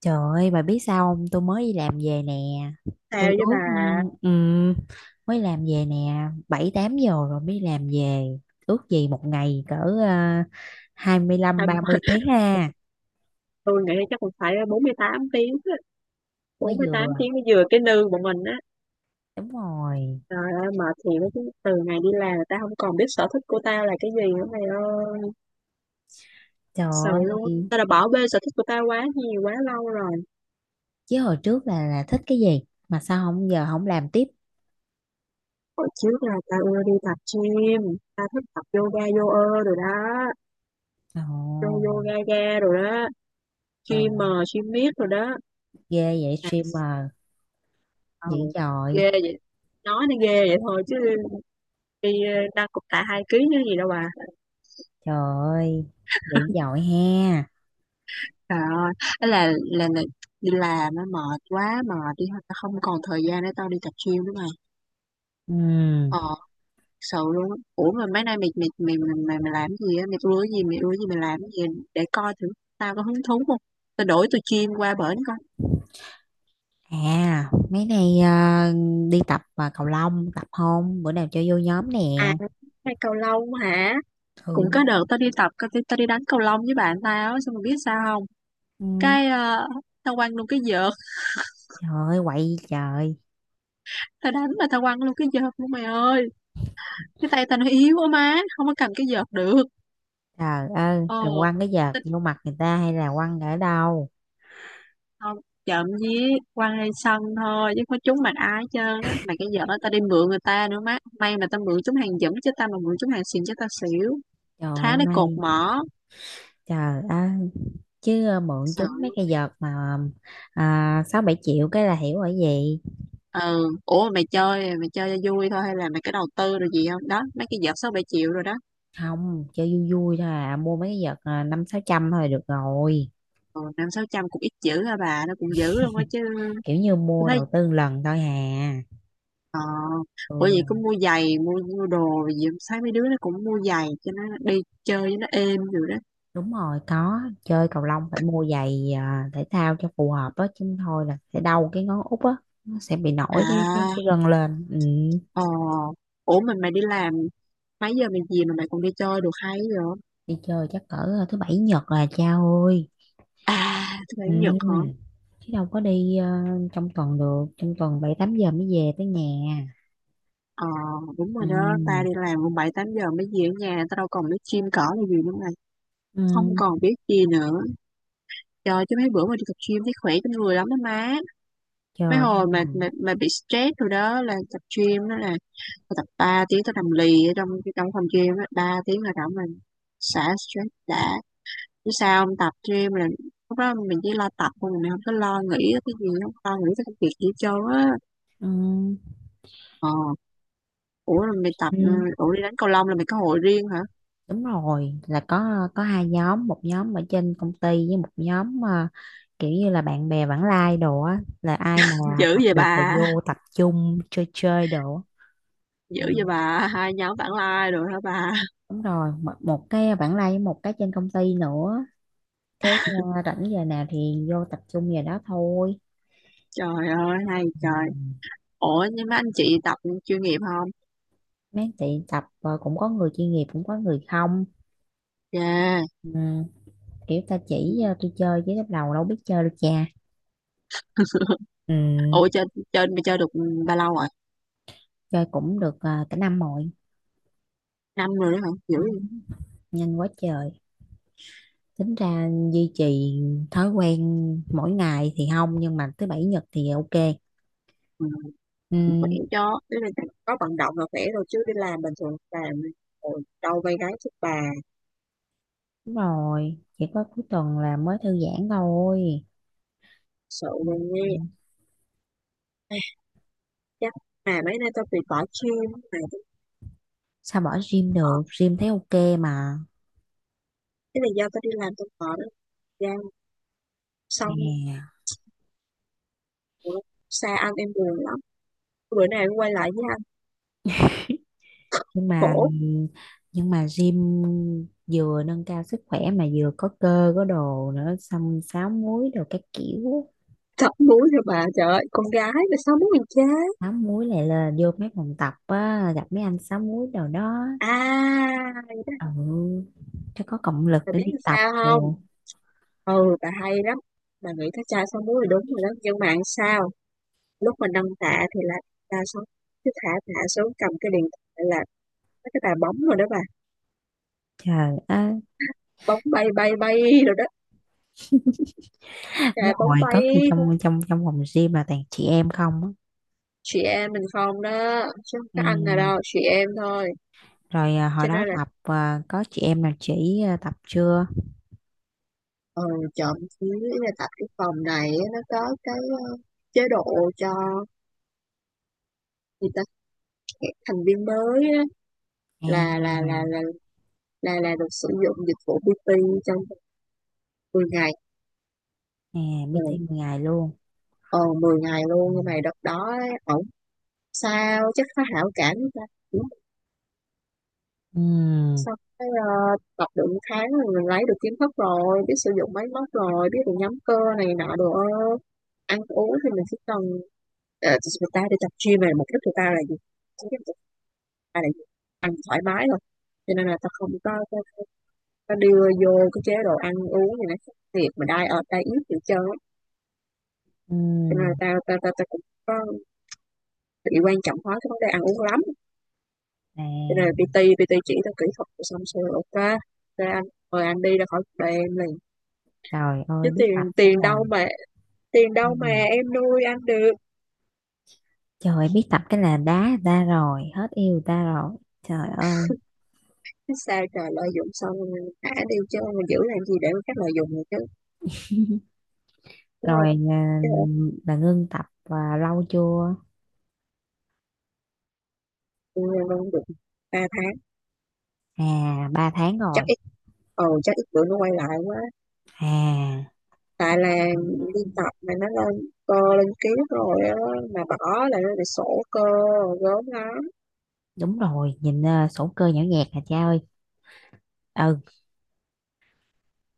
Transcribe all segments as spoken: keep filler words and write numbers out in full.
Trời ơi, bà biết sao không? Tôi mới đi làm về nè. Sao Tôi với bà? ước, ừ, mới làm về nè, bảy tám giờ rồi mới đi làm về. Ước gì một ngày cỡ uh, hai mươi lăm Thành ba mươi phần tiếng ha, tôi nghĩ chắc cũng phải bốn mươi tám tiếng á. Bốn mới mươi tám vừa. tiếng mới vừa cái nư bọn mình á. Đúng rồi. Trời ơi mệt thiệt á, chứ từ ngày đi làm tao không còn biết sở thích của tao là cái gì nữa mày ơi. Trời Sợ luôn, ơi, tao đã bỏ bê sở thích của tao quá nhiều quá lâu rồi. chứ hồi trước là là thích cái gì mà sao không giờ không làm tiếp. Hồi trước là tao ưa đi tập gym, tao thích tập yoga yoga rồi đó, yoga, Ồ, yoga ga rồi đó, trời gym ơi, mờ gym miết rồi đó. ghê vậy À, streamer ừ, dữ dội. ghê vậy. Nói nó ghê vậy thôi chứ đi ờ, nâng cục tạ hai ký chứ gì đâu bà. Trời ơi, dữ dội ha. Trời ơi, ấy là là là đi làm á mệt quá mệt đi thôi, tao không còn thời gian để tao đi tập gym nữa mày. Ừ. Ờ, thật sự luôn á. Ủa mà mấy nay mày mày mày mày, mày, mày làm cái gì á, mày ưa gì mày ưa gì mày làm cái gì để coi thử tao có hứng thú không. Tao đổi từ gym qua bển coi. À, mấy nay à, đi tập à, cầu lông, tập không? Bữa nào chơi vô nhóm À, nè. hay cầu lông hả? Cũng Ừ. có đợt tao đi tập tao, đi- tao đi đánh cầu lông với bạn tao á, xong mày biết sao không? Ừ. Cái ờ, tao quăng luôn cái vợt, Trời ơi, quậy trời. tao đánh mà tao quăng luôn cái vợt luôn mày ơi. Cái tay tao nó yếu quá má, không có cầm cái vợt được. Trời ơi, rồi Ờ. quăng cái vợt vô mặt người ta hay là quăng ở đâu? Không, chậm với quăng lên sân thôi chứ có trúng mặt ai hết trơn á, mà cái giỡn ta đi mượn người ta nữa má, may mà tao mượn trúng hàng dẫm, chứ tao mà mượn trúng hàng xịn chứ tao xỉu, Trời ơi, thá lấy cột may. mỏ, Trời ơi, chứ à, mượn sợ chúng mấy luôn. cái vợt mà à, sáu bảy triệu cái là hiểu ở gì. Ừ, ủa mà mày chơi mày chơi cho vui thôi hay là mày có đầu tư rồi gì không đó, mấy cái vợt sáu bảy triệu rồi đó. Không, chơi vui vui thôi à, mua mấy cái vợt à, năm sáu trăm thôi được rồi. Ừ, năm sáu trăm cũng ít dữ hả bà, nó cũng dữ luôn á chứ. Kiểu như Tôi mua thấy đầu tư lần thôi hà. ờ Ừ. Ủa vậy cũng mua giày, mua mua đồ rồi gì không? Thấy mấy đứa nó cũng mua giày cho nó đi chơi cho nó êm rồi đó. Đúng rồi, có chơi cầu lông phải mua giày à, thể thao cho phù hợp á chứ thôi là sẽ đau cái ngón út á, nó sẽ bị nổi cái cái, À, cái gân lên. Ừ. ờ, ủa mình mày đi làm mấy giờ mày gì mà mày còn đi chơi được hay vậy? Đi chơi chắc cỡ à, thứ bảy nhật là cha ơi. À, thứ bảy chủ nhật hả? Ừ. Chứ đâu có đi à, trong tuần được, trong tuần bảy tám giờ mới về tới nhà. ờ Đúng Ừ. rồi đó, ta đi làm cũng bảy tám giờ mới về ở nhà, ta đâu còn biết gym cỏ là gì nữa mày. Không Ừ. còn biết gì nữa. Trời, chứ mấy bữa mà đi tập gym thấy khỏe trong người lắm đó má. Mấy Trời. hồi mà mà, mà bị stress rồi đó là tập gym đó, là tao tập ba tiếng tao nằm lì ở trong trong phòng gym á, ba tiếng là rảnh mình xả stress đã, chứ sao không tập gym là lúc đó mình chỉ lo tập thôi, mình không có lo nghĩ tới cái gì, không lo nghĩ tới công việc gì hết trơn á. Ừ. ờ Ủa là mày tập, ừ, Ừ. ủa đi đánh cầu lông là mày có hội riêng hả? Đúng rồi, là có có hai nhóm, một nhóm ở trên công ty với một nhóm mà kiểu như là bạn bè vãng lai đồ á, là ai mà Dữ tập vậy được là bà, vô tập trung chơi chơi đồ á. dữ Ừ, vậy bà, hai nhóm vãng lai rồi hả bà? đúng rồi, một, một cái vãng lai với một cái trên công ty nữa. Cái, ờ, rảnh giờ nào thì vô tập trung giờ đó thôi. Trời ơi hay Ừ. trời. Ủa nhưng mà anh chị tập chuyên nghiệp không? Mấy tiệm tập, ờ, cũng có người chuyên nghiệp cũng có người không. Yeah. Ừ, kiểu ta chỉ, ờ, tôi chơi chứ lúc đầu đâu biết chơi đâu cha. Ừ, Ủa trên trên mày chơi được bao lâu rồi? chơi cũng được, ờ, cả năm rồi. Năm rồi đấy hả? Dữ Ừ. vậy. Nhanh quá trời, tính ra duy trì thói quen mỗi ngày thì không nhưng mà thứ bảy nhật thì ok. Ừ, khỏe Ừ, cho, tức là có vận động là khỏe rồi, chứ đi làm bình thường làm ôi, đâu vay gái sức bà, đúng rồi, chỉ có cuối tuần là mới thư giãn thôi. sợ Ừ, luôn nghe. Ai, chắc mà mấy nay tao bị bỏ gym, mà tao sao bỏ gym bỏ được, gym thấy ok mà cái là do tao đi làm tao bỏ đó ra, xong nè. ủa, xa anh em buồn lắm, bữa nay em quay lại với anh. Nhưng mà, Khổ, nhưng mà gym vừa nâng cao sức khỏe mà vừa có cơ có đồ nữa, xong sáu múi đồ các kiểu. thật mũi rồi bà, trời ơi con gái mà sao muốn mình chế. Sáu múi lại là vô mấy phòng tập á, gặp mấy anh sáu múi đồ đó. À, Ừ, cho có động lực bà để biết đi làm tập sao không, đồ. ừ bà hay lắm, bà nghĩ thấy cha sáu múi là đúng rồi đó, nhưng mà làm sao lúc mà nâng tạ thì là ta xuống, cứ thả tạ xuống cầm cái điện thoại, là mấy cái tạ bóng rồi đó bà, Trời ơi. bóng bay bay bay rồi đó, Đúng tạ bóng hồi bay. có khi trong trong trong phòng gym là toàn chị em không á. Chị em mình không đó, chứ không Ừ. có anh nào đâu, chị em thôi. Rồi à, hồi Cho đó nên là tập à, có chị em nào chỉ à, tập chưa? ừ, trộm chứ ý là tại cái phòng này á, nó có cái ờ, chế độ cho người ta, các thành viên mới á, À, là là là là là là được sử dụng dịch vụ pê tê trong mười ngày. à, Ừ. meeting mười ngày luôn. ờ mười ngày Ừ. luôn, nhưng mà đợt đó ấy, ổng sao chắc có hảo cảm với ta, Ừ. xong cái ờ, tập được một tháng rồi mình lấy được kiến thức rồi, biết sử dụng máy móc rồi, biết được nhóm cơ này nọ đồ ơ. Ăn uống thì mình chỉ cần ờ, người ta đi tập gym này mục đích người ta là gì? Chính cái mục đích người ta là gì? Ăn thoải mái thôi, cho nên là ta không có, có, có có đưa vô cái chế độ ăn uống gì nó thiệt, mà đai ở ta ít gì trơn á. Ừ. Cho nên là ta ta ta, ta cũng có bị quan trọng hóa cái vấn đề ăn uống lắm, À, cho nên là pê tê pê tê chỉ tao kỹ thuật rồi xong rồi ok, ok anh, mời anh đi ra khỏi cuộc đời em liền. trời Chứ ơi, biết tiền tập cái tiền là. đâu mà tiền Ừ. đâu mà em nuôi anh được. Trời ơi, biết tập cái là đá người ta rồi, hết yêu người ta rồi. Trời ơi. Chứ sao trời, lợi dụng xong rồi thả đi chứ, mà giữ làm gì để các lợi dụng này chứ, đúng Rồi không. à, Chứ ở là ngưng tập à, lâu chưa? tụi luôn được ba tháng. À, ba tháng Chắc rồi ít, ồ chắc ít bữa nó quay lại quá, à. tại là đi tập mà nó lên cơ lên ký rồi á, mà bỏ là nó lại sổ cơ rồi gớm lắm. Đúng rồi, nhìn, ờ, sổ cơ nhỏ nhẹt hả cha ơi. Ừ,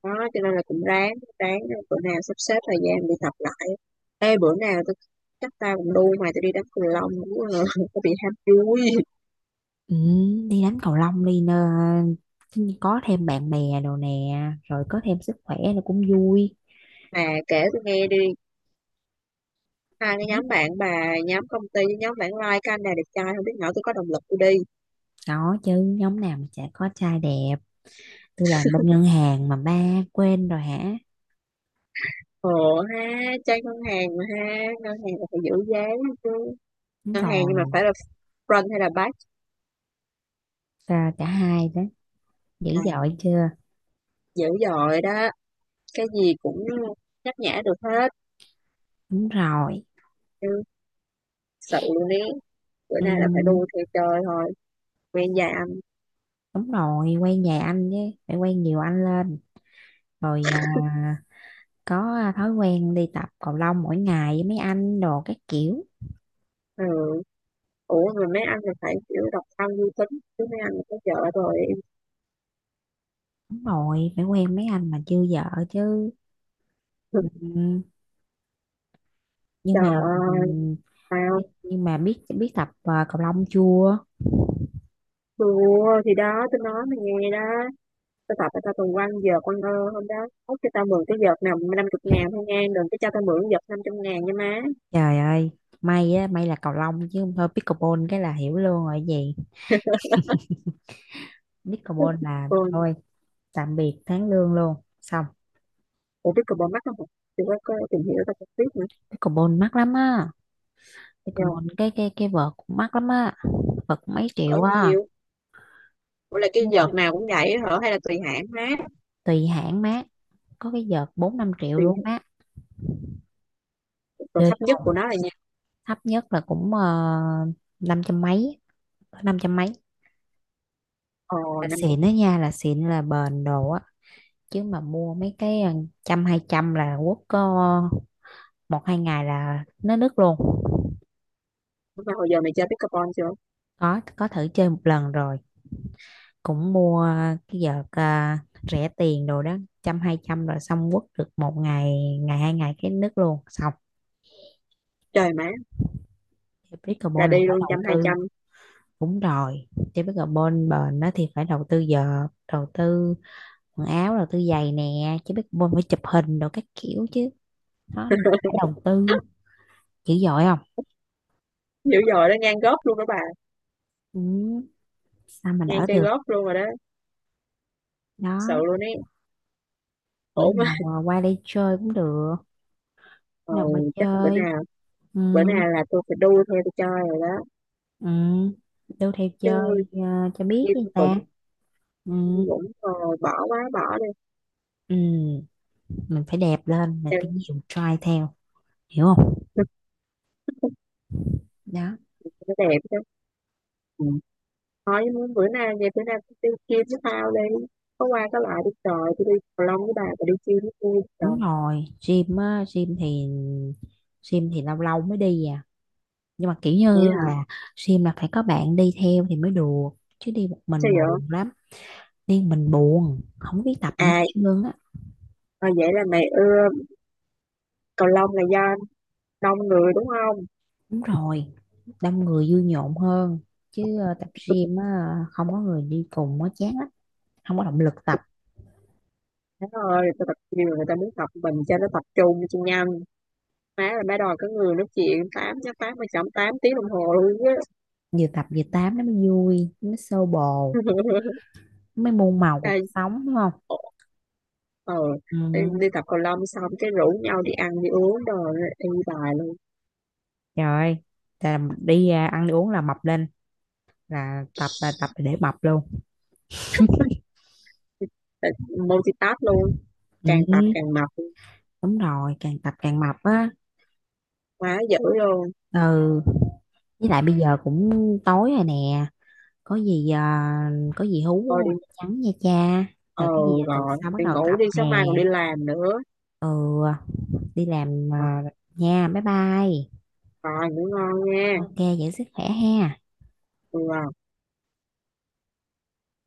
Đó cho nên là cũng ráng, ráng bữa nào sắp xếp thời gian đi tập lại. Ê bữa nào tôi, chắc tao cũng đu mày tôi đi đánh cầu lông cũng có bị ham vui. ừ, đi đánh cầu lông đi nơ, có thêm bạn bè đồ nè, rồi có thêm sức khỏe nó cũng vui. Mà kể tôi nghe đi, hai cái Ừ, nhóm bạn bà, nhóm công ty với nhóm bạn like cái anh này đẹp trai không biết nữa tôi có động lực tôi đi. có chứ, nhóm nào mà chả có trai đẹp. Tôi làm bên ngân hàng mà ba quên rồi hả. Ồ ha, chơi ngân hàng mà ha, ngân hàng là phải giữ giá chứ. Đúng Ngân hàng, nhưng mà rồi, phải là front hay là back? à, cả hai đó, dữ À, dội chưa. dữ dội đó, cái gì cũng nhắc nhã được hết. Đúng rồi. Ừ, sự luôn ý, bữa nay là phải đu Ừ, theo trời thôi, quen già anh. đúng rồi, quay nhà anh chứ, phải quay nhiều anh lên. Rồi à, có à, thói quen đi tập cầu lông mỗi ngày với mấy anh đồ các kiểu. Ừ. Ủa mà mấy anh là phải kiểu độc thân vui tính, chứ mấy anh là có vợ rồi. Đúng rồi, phải quen mấy anh mà chưa vợ chứ. Ừ, nhưng Trời mà. Ừ, ơi, tao nhưng mà biết biết tập à, cầu lông chưa. thua thì đó, tôi nói mày nghe đó, tôi tập cho tao quăng vợt quăng ơ hôm đó, ốc cho tao mượn cái vợt nào năm chục ngàn thôi nha, đừng có cho tao mượn vợt năm trăm ngàn nha má. Trời ơi, may á, may là cầu lông chứ không thôi pickleball cái là hiểu luôn rồi gì. Pickleball là Còn thôi tạm biệt tháng lương luôn, xong. ủa biết cờ bỏ mắt không hả? Thì có, có tìm hiểu tao cũng biết nữa. Pickleball mắc lắm á, Giờ pickleball cái cái cái vợt cũng mắc lắm á. Vợt cũng mấy ở triệu á. nhiều. Ủa là cái Nhưng vợt mà nào cũng vậy hả hay là tùy hãng má? tùy hãng má, có cái vợt bốn năm triệu Tùy. luôn má. Rồi Chơi thấp nhất của nó là nha? thấp nhất là cũng uh, năm trăm mấy, có năm trăm mấy Ồ là năm chục. xịn đó nha, là xịn là bền đồ á. Chứ mà mua mấy cái, ờ, trăm hai trăm là quất có một hai ngày là nó nứt luôn. Mà hồi giờ mày chơi pickleball chưa? có có thử chơi một lần rồi, cũng mua cái vợt à, rẻ tiền đồ đó, trăm hai trăm rồi xong quất được một ngày, ngày hai ngày cái nứt luôn, xong. Trời má, Chơi là pickleball là đi phải luôn đầu trăm hai tư. trăm. Đúng rồi, chơi pickleball bền đó thì phải đầu tư vợt, đầu tư quần áo rồi tôi giày nè, chứ biết bôn phải chụp hình đồ các kiểu chứ, nó phải đầu tư dữ dội không. Dữ dội đó, ngang góp luôn đó bà. Ừ, sao mà Ngang đỡ chơi được. góp luôn rồi đó. Sợ Đó, luôn ấy, bữa khổ má. nào à, qua đây chơi cũng được. Bữa Ờ, nào qua chắc bữa chơi. nào, Ừ. bữa nào là tôi phải đu theo tôi chơi rồi đó Ừ. Đâu theo chứ. chơi à, cho biết Nhưng với người cũng ta. Ừ. cũng ờ, bỏ quá bỏ đi Ừ. Mình phải đẹp lên, mình đẹp. phải nhiều try theo, hiểu không. Đó. Nó đẹp chứ. Ừ. Thôi muốn bữa nay về, bữa nay tôi đi gym với tao đi, có qua có lại đi trời, tôi đi cầu lông với bà và đi gym với tôi Đúng trời. rồi, gym á, gym thì gym thì lâu lâu mới đi à, nhưng mà kiểu Vậy như hả? là gym là phải có bạn đi theo thì mới được, chứ đi một Sao mình vậy? buồn lắm. Đi một mình buồn không biết tập gì hết À, trơn á. ờ, vậy là mày ưa cầu lông là do đông người đúng không? Đúng rồi, đông người vui nhộn hơn, chứ ờ, tập gym á không có người đi cùng á chán lắm, không có động lực tập. Má ơi tao tập nhiều người, ta muốn tập mình cho nó tập trung cho nhanh, má là má đòi có người nói chuyện tám chắc tám mà chậm tám tiếng đồng hồ luôn á. Vừa tập vừa tám nó mới vui, nó mới xô bồ, nó mới muôn màu cuộc À, sống đúng không. ờ, Ừ. đi, đi tập cầu lông xong cái rủ nhau đi ăn đi uống rồi đi bài luôn. Trời ơi, là đi à, ăn đi uống là mập lên, là tập là tập để mập luôn. Tại- multitask luôn. Càng tập Ừ. càng mập luôn. Đúng rồi, càng tập càng mập á. Quá dữ luôn. Ừ, với lại bây giờ cũng tối rồi nè, có gì à, có gì hú Thôi đi qua tin nhắn nha cha. ờ, Rồi cái gì tuần rồi sau bắt đi đầu ngủ tập đi, nè. sáng mai còn đi làm nữa. Ừ, đi làm Ờ, à, nha, bye bye. rồi ngủ ngon nha. Ok, giữ sức khỏe ha. Ừ,